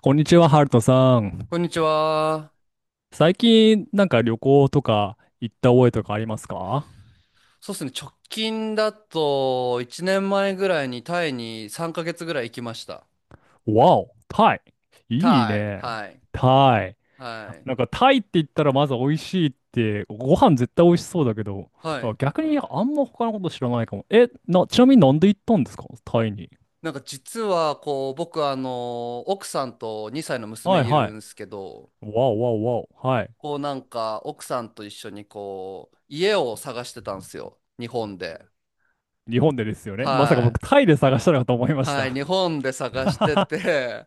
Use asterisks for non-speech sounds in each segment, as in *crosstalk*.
こんにちは、ハルトさん。こんにちは。最近、旅行とか行った覚えとかありますか？そうですね。直近だと、1年前ぐらいにタイに3ヶ月ぐらい行きました。わお、タイ。いいタイ。ね。はい。タイ。はい。なんかタイって言ったらまず美味しいって、ご飯絶対美味しそうだけど、だはからい。逆にあんま他のこと知らないかも。ちなみになんで行ったんですかタイに。なんか実は、こう、僕、あの、奥さんと2歳の娘はいいはるんい。ですけど、わおわおわお。はい。こう、なんか、奥さんと一緒に、こう、家を探してたんですよ。日本で。日本でですよね。まさか僕はい。タイで探したのかと思いましはい。た。日本で探し *laughs* てて、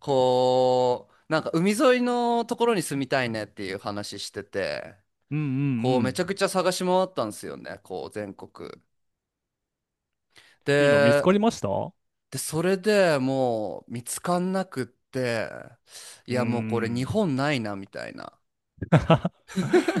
こう、なんか、海沿いのところに住みたいねっていう話してて、うんうんうこうめちん。ゃくちゃ探し回ったんですよね、こう全国。いいの見つで、かりました？うそれでもう見つかんなくって、いーやもうこれ日ん。本ないなみたいな。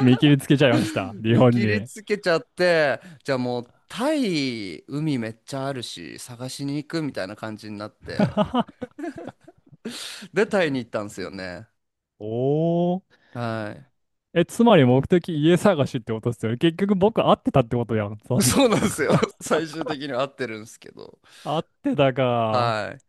見切りつけちゃいました。日見本切りに。つけちゃって、じゃあもうタイ海めっちゃあるし探しに行くみたいな感じになって、*laughs* でタイに行ったんですよね。おお。はい。え、つまり目的家探しってことですよね。結局僕会ってたってことやん。そうです。 そうなんです *laughs* よ。*laughs* 最終的には合ってるんですけど。会ってたか。はい。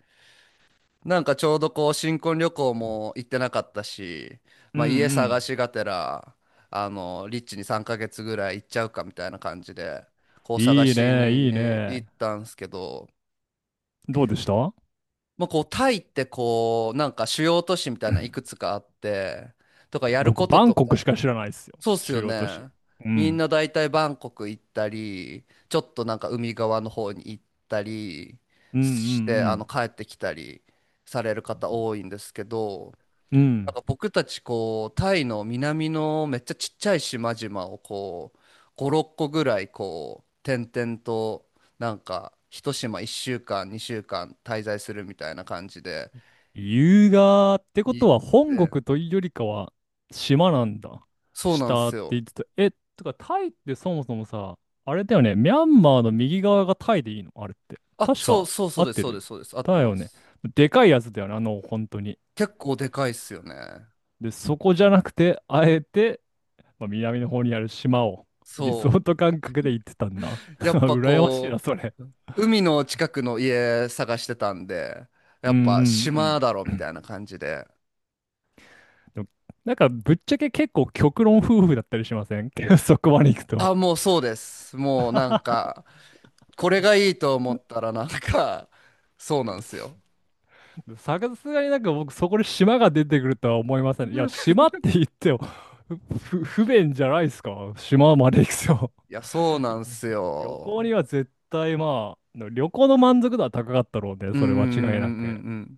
なんかちょうどこう新婚旅行も行ってなかったし、うんまあ、家う探ん。しがてらあのリッチに3ヶ月ぐらい行っちゃうかみたいな感じでこう探いいしね、いいにね。行ったんですけど、どうでした？まあ、こうタイってこうなんか主要都市みたいないくつかあって、とかやる僕、ことバンとコクしか。か知らないですよ。そうっす主よ要都市。ね。うみんん。な大体バンコク行ったりちょっとなんか海側の方に行ったりうんうしてあのん帰ってきたりされる方多いんですけど。うん。うなんん。か僕たちこうタイの南のめっちゃちっちゃい島々をこう5、6個ぐらいこう点々となんか一島1週間2週間滞在するみたいな感じで優雅ってこ行っとは本て、国というよりかは島なんだ。そうなんで下っすてよ。言ってた。え、とかタイってそもそもさ、あれだよね。ミャンマーの右側がタイでいいのあれって。あ、確そうか。そう、そ合うっです、てそうでる。す、そうです、合ってだまよね。す。でかいやつだよね。本当に。結構でかいっすよね。で、そこじゃなくて、あえて、まあ、南の方にある島をリゾそート感覚で行ってたんだ。*laughs* う、やっぱ羨ましいこな、それ。う海の近くの家探してたんで、やうんうっぱ島んだろうみん。たいな感じで。でもなんかぶっちゃけ結構極論夫婦だったりしません？ *laughs* そこまで行くと。あ、もうそうです。もうなんか、これがいいと思ったらなんか、そうなんですよ。さすがになんか僕そこで島が出てくるとは思いません。いや、島って言っても不便じゃないですか。島まで行くと。いや、そうなんです旅行よ。には絶対、まあ、旅行の満足度は高かったろうね。うんうそんうんれうんう間違いなく。ん。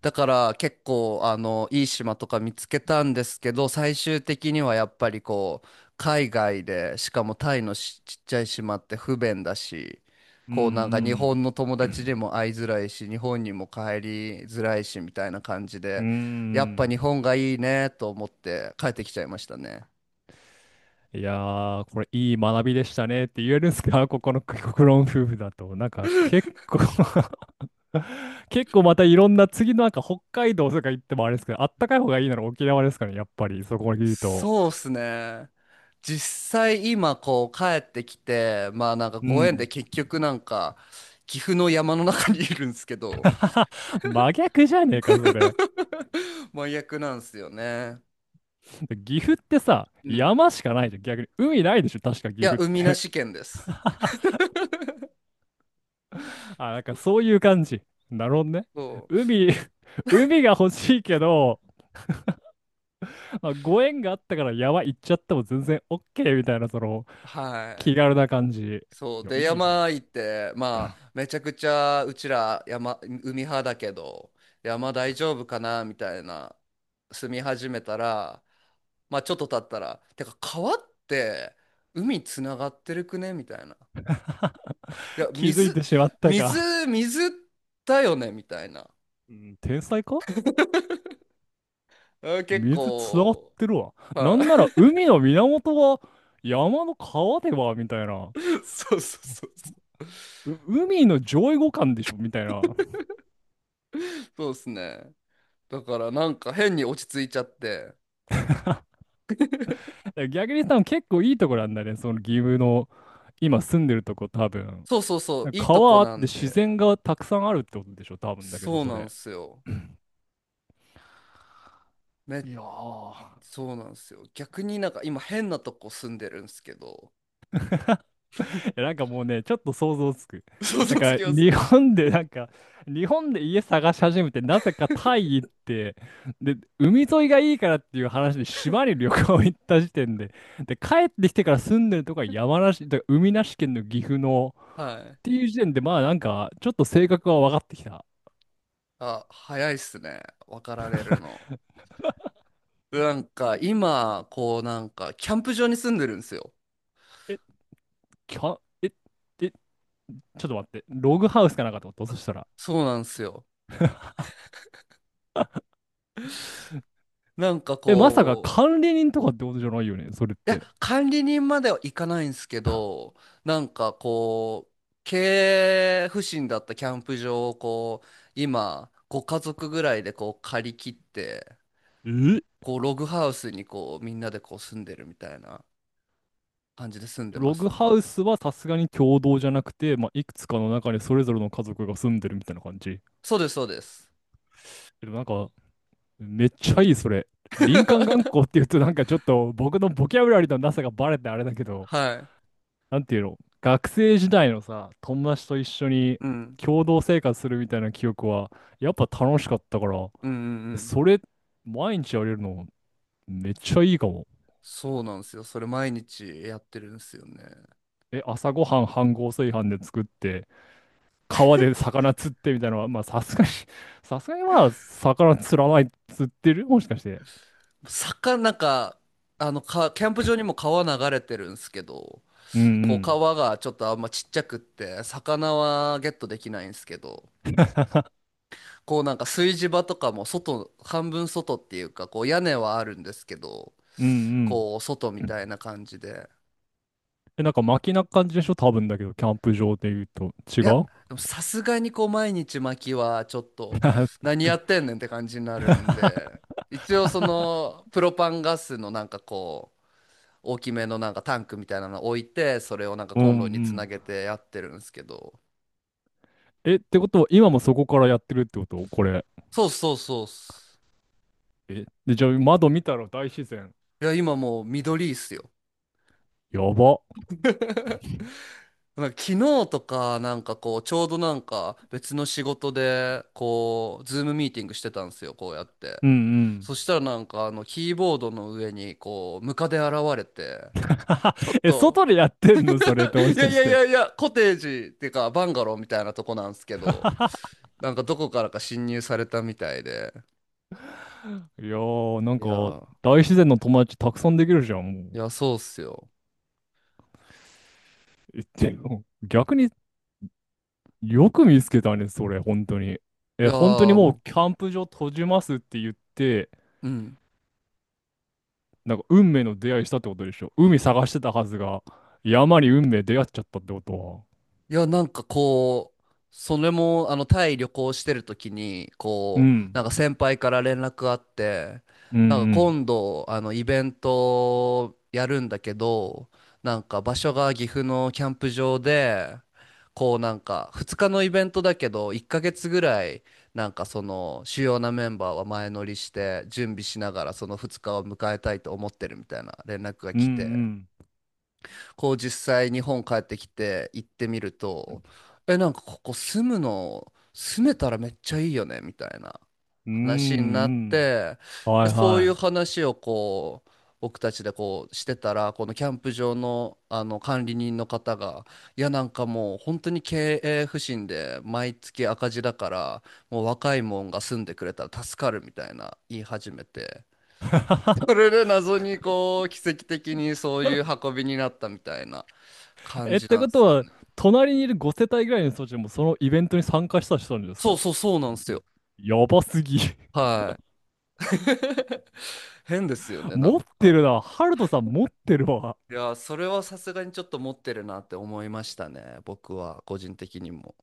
だから結構あのいい島とか見つけたんですけど、最終的にはやっぱりこう海外でしかもタイのしちっちゃい島って不便だし、うこうなんか日ん本の友う達にん。も会いづらいし日本にも帰りづらいしみたいな感じうーで、やっぱん。日本がいいねと思って帰ってきちゃいましたね。いやー、これいい学びでしたねって言えるんですか、ここの国国論夫婦だと。なんか結構。 *laughs* *laughs* 結構またいろんな次のなんか北海道とか行ってもあれですけど、あったかい方がいいなら沖縄ですからね、やっぱりそこまで言うと。そうっすね。実際今こう帰ってきて、まあなんかうご縁でん。結局なんか岐阜の山の中にいるんですけど、*laughs* 真逆じゃねえか、それ。*laughs* 真逆なんですよね。岐阜ってさ、うん。山しかないじゃん、逆に。海ないでしょ、確かい岐や、阜っ海なて。し県です。*laughs* あ、なんかそうそそうういう感じ。なるほどね。そ海、*laughs* 海が欲しいけど、まあ、ご縁があったから山行っちゃっても全然 OK みたいな、そのう。は気い。軽な感じ。いそうや、でいいな。山行って、まあめちゃくちゃうちら山海派だけど山大丈夫かなみたいな。住み始めたらまあちょっと経ったら、てか川って海つながってるくねみたいな、いや気づいて水、しまった水、か。水だよねみたいな。うん、天才か。あ結水つながっ構。てるわ。なはんなら海の源は山の川ではみたいな。い。 *laughs* そうそうそうそう海の上位互換でしょみたいな。う。で *laughs* すね、だからなんか変に落ち着いちゃって。だから逆に多分結構いいところなんだね。その岐阜の今住んでるとこ多分。そうそうそう、いいとこ川あってなん自で。然がたくさんあるってことでしょ、多分だけどそうそなんれ。すよ。め、いやー。そうなんすよ。逆になんか今変なとこ住んでるんすけど。なんかもうね、ちょっと想像つく。*laughs* 想なん像つかきま日す。本でなんか、日本で家探し始めて、なぜかタイ行って、で、海沿いがいいからっていう話で島に旅行行った時点で、で、帰ってきてから住んでるとこは山梨、だから海なし県の岐阜の、はい。っていう時点で、まあなんか、ちょっと性格は分かってきた。あ、早いっすね。分かられるの。なんか今、こうなんかキャンプ場に住んでるんですよ。え、キャ、え、え、ちょっと待って、ログハウスかなんかと思った、そしたら。そうなんですよ。なんかえ、まさかこ管理人とかってことじゃないよね、それっう、いて。や、管理人までは行かないんですけど、なんかこう、経営不振だったキャンプ場をこう、今、ご家族ぐらいでこう借り切って、え、こうログハウスにこうみんなでこう住んでるみたいな感じで住んでまログすね。ハウスはさすがに共同じゃなくて、まあ、いくつかの中にそれぞれの家族が住んでるみたいな感じ。そうです、そうです。でもなんか、めっちゃいい、それ。林間学 *laughs* 校っていうと、なんかちょっと僕のボキャブラリーのなさがバレてあれだけど、はい。なんていうの、学生時代のさ、友達と一緒にうん。共同生活するみたいな記憶は、やっぱ楽しかったから、うんうんうん。それ、毎日やれるの、めっちゃいいかも。そうなんですよ。それ毎日やってるんですよね。え、朝ごはん飯盒炊飯で作って、川で魚釣ってみたいなのは、まあさすがに、*laughs* さすがにまあ魚釣らない、釣ってるもしかして。坂、なんか、あの、か、キャンプ場にも川流れてるんですけど、うんうこうん。川がちょっとあんまちっちゃくって、魚はゲットできないんですけど、*laughs* こうなんか炊事場とかも外、半分外っていうか、こう屋根はあるんですけど、うんこう外みうん。たいな感じで。え、なんか巻きな感じでしょ、多分だけど、キャンプ場で言うと。違いや、う？ でもさすがにこう毎日巻きはちょっと何や *laughs* ってんねんって感じになるんで、一応そのプロパンガスのなんかこう大きめのなんかタンクみたいなの置いて、それをなんかうんコうンロにつなん。げてやってるんですけど。え、ってことは今もそこからやってるってことこれ。そうそうそうっす。え、で、じゃあ窓見たら大自然。いや、今もう緑いっすよ。やば。なんか昨日とかなんかこうちょうどなんか別の仕事でこうズームミーティングしてたんですよ、こうやって。うんうん。そしたらなんかあのキーボードの上にこうムカデ現れて、ちょっ *laughs* え、と 外でやってんのそれっても *laughs* いしやかいしやいて。やいや、コテージっていうかバンガローみたいなとこなんですけど、なんかどこからか侵入されたみたいで。いやー、なんいか、やー。大自然の友達たくさんできるじゃん、もいう。や、そうっすよ。でも逆によく見つけたね、それ、本当に。いえ、や本当にー。もうもキャンプ場閉じますって言って、う、うん。なんか運命の出会いしたってことでしょ。海探してたはずが、山に運命出会っちゃったってことは。いや、なんかこう、それも、あの、タイ旅行してる時に、うこう、ん、なんか先輩から連絡あって、うん、なんかうん、今度、あの、イベントやるんだけど、なんか場所が岐阜のキャンプ場で、こうなんか2日のイベントだけど、1ヶ月ぐらい、なんかその主要なメンバーは前乗りして準備しながらその2日を迎えたいと思ってるみたいな連絡がう来て。ん、こう実際日本帰ってきて行ってみると、え、なんかここ住むの、住めたらめっちゃいいよね、みたいなうん、う話ん、うになっん、て、で、はいそういはうい。話をこう、僕たちでこうしてたら、このキャンプ場の、あの管理人の方が、いやなんかもう本当に経営不振で毎月赤字だから、もう若いもんが住んでくれたら助かるみたいな言い始めて、それで謎にこう奇跡的にそういう運びになったみたいな。感え、っじてなんこでとすよは、ね。隣にいる5世帯ぐらいの人たちでもそのイベントに参加した人なんですそうか？そうそうなんですよ。やばすぎ。*laughs* はい。*laughs* 変ですよね、な持んってか。るな。ハルトさん持ってるわ。いや、それはさすがにちょっと持ってるなって思いましたね。僕は、個人的にも。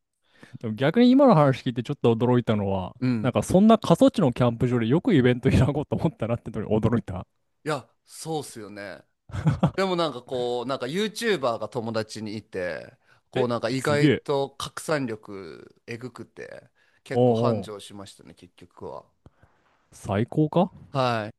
でも逆に今の話聞いてちょっと驚いたのは、うん。なんかいそんな過疎地のキャンプ場でよくイベント開こうと思ったなってのに驚いた。や、そうっすよね。でもなんかこう、なんか YouTuber が友達にいて、こうえ、なんか意すげ外え。と拡散力えぐくて、お結構う繁おう、盛しましたね、結局は。最高かはい。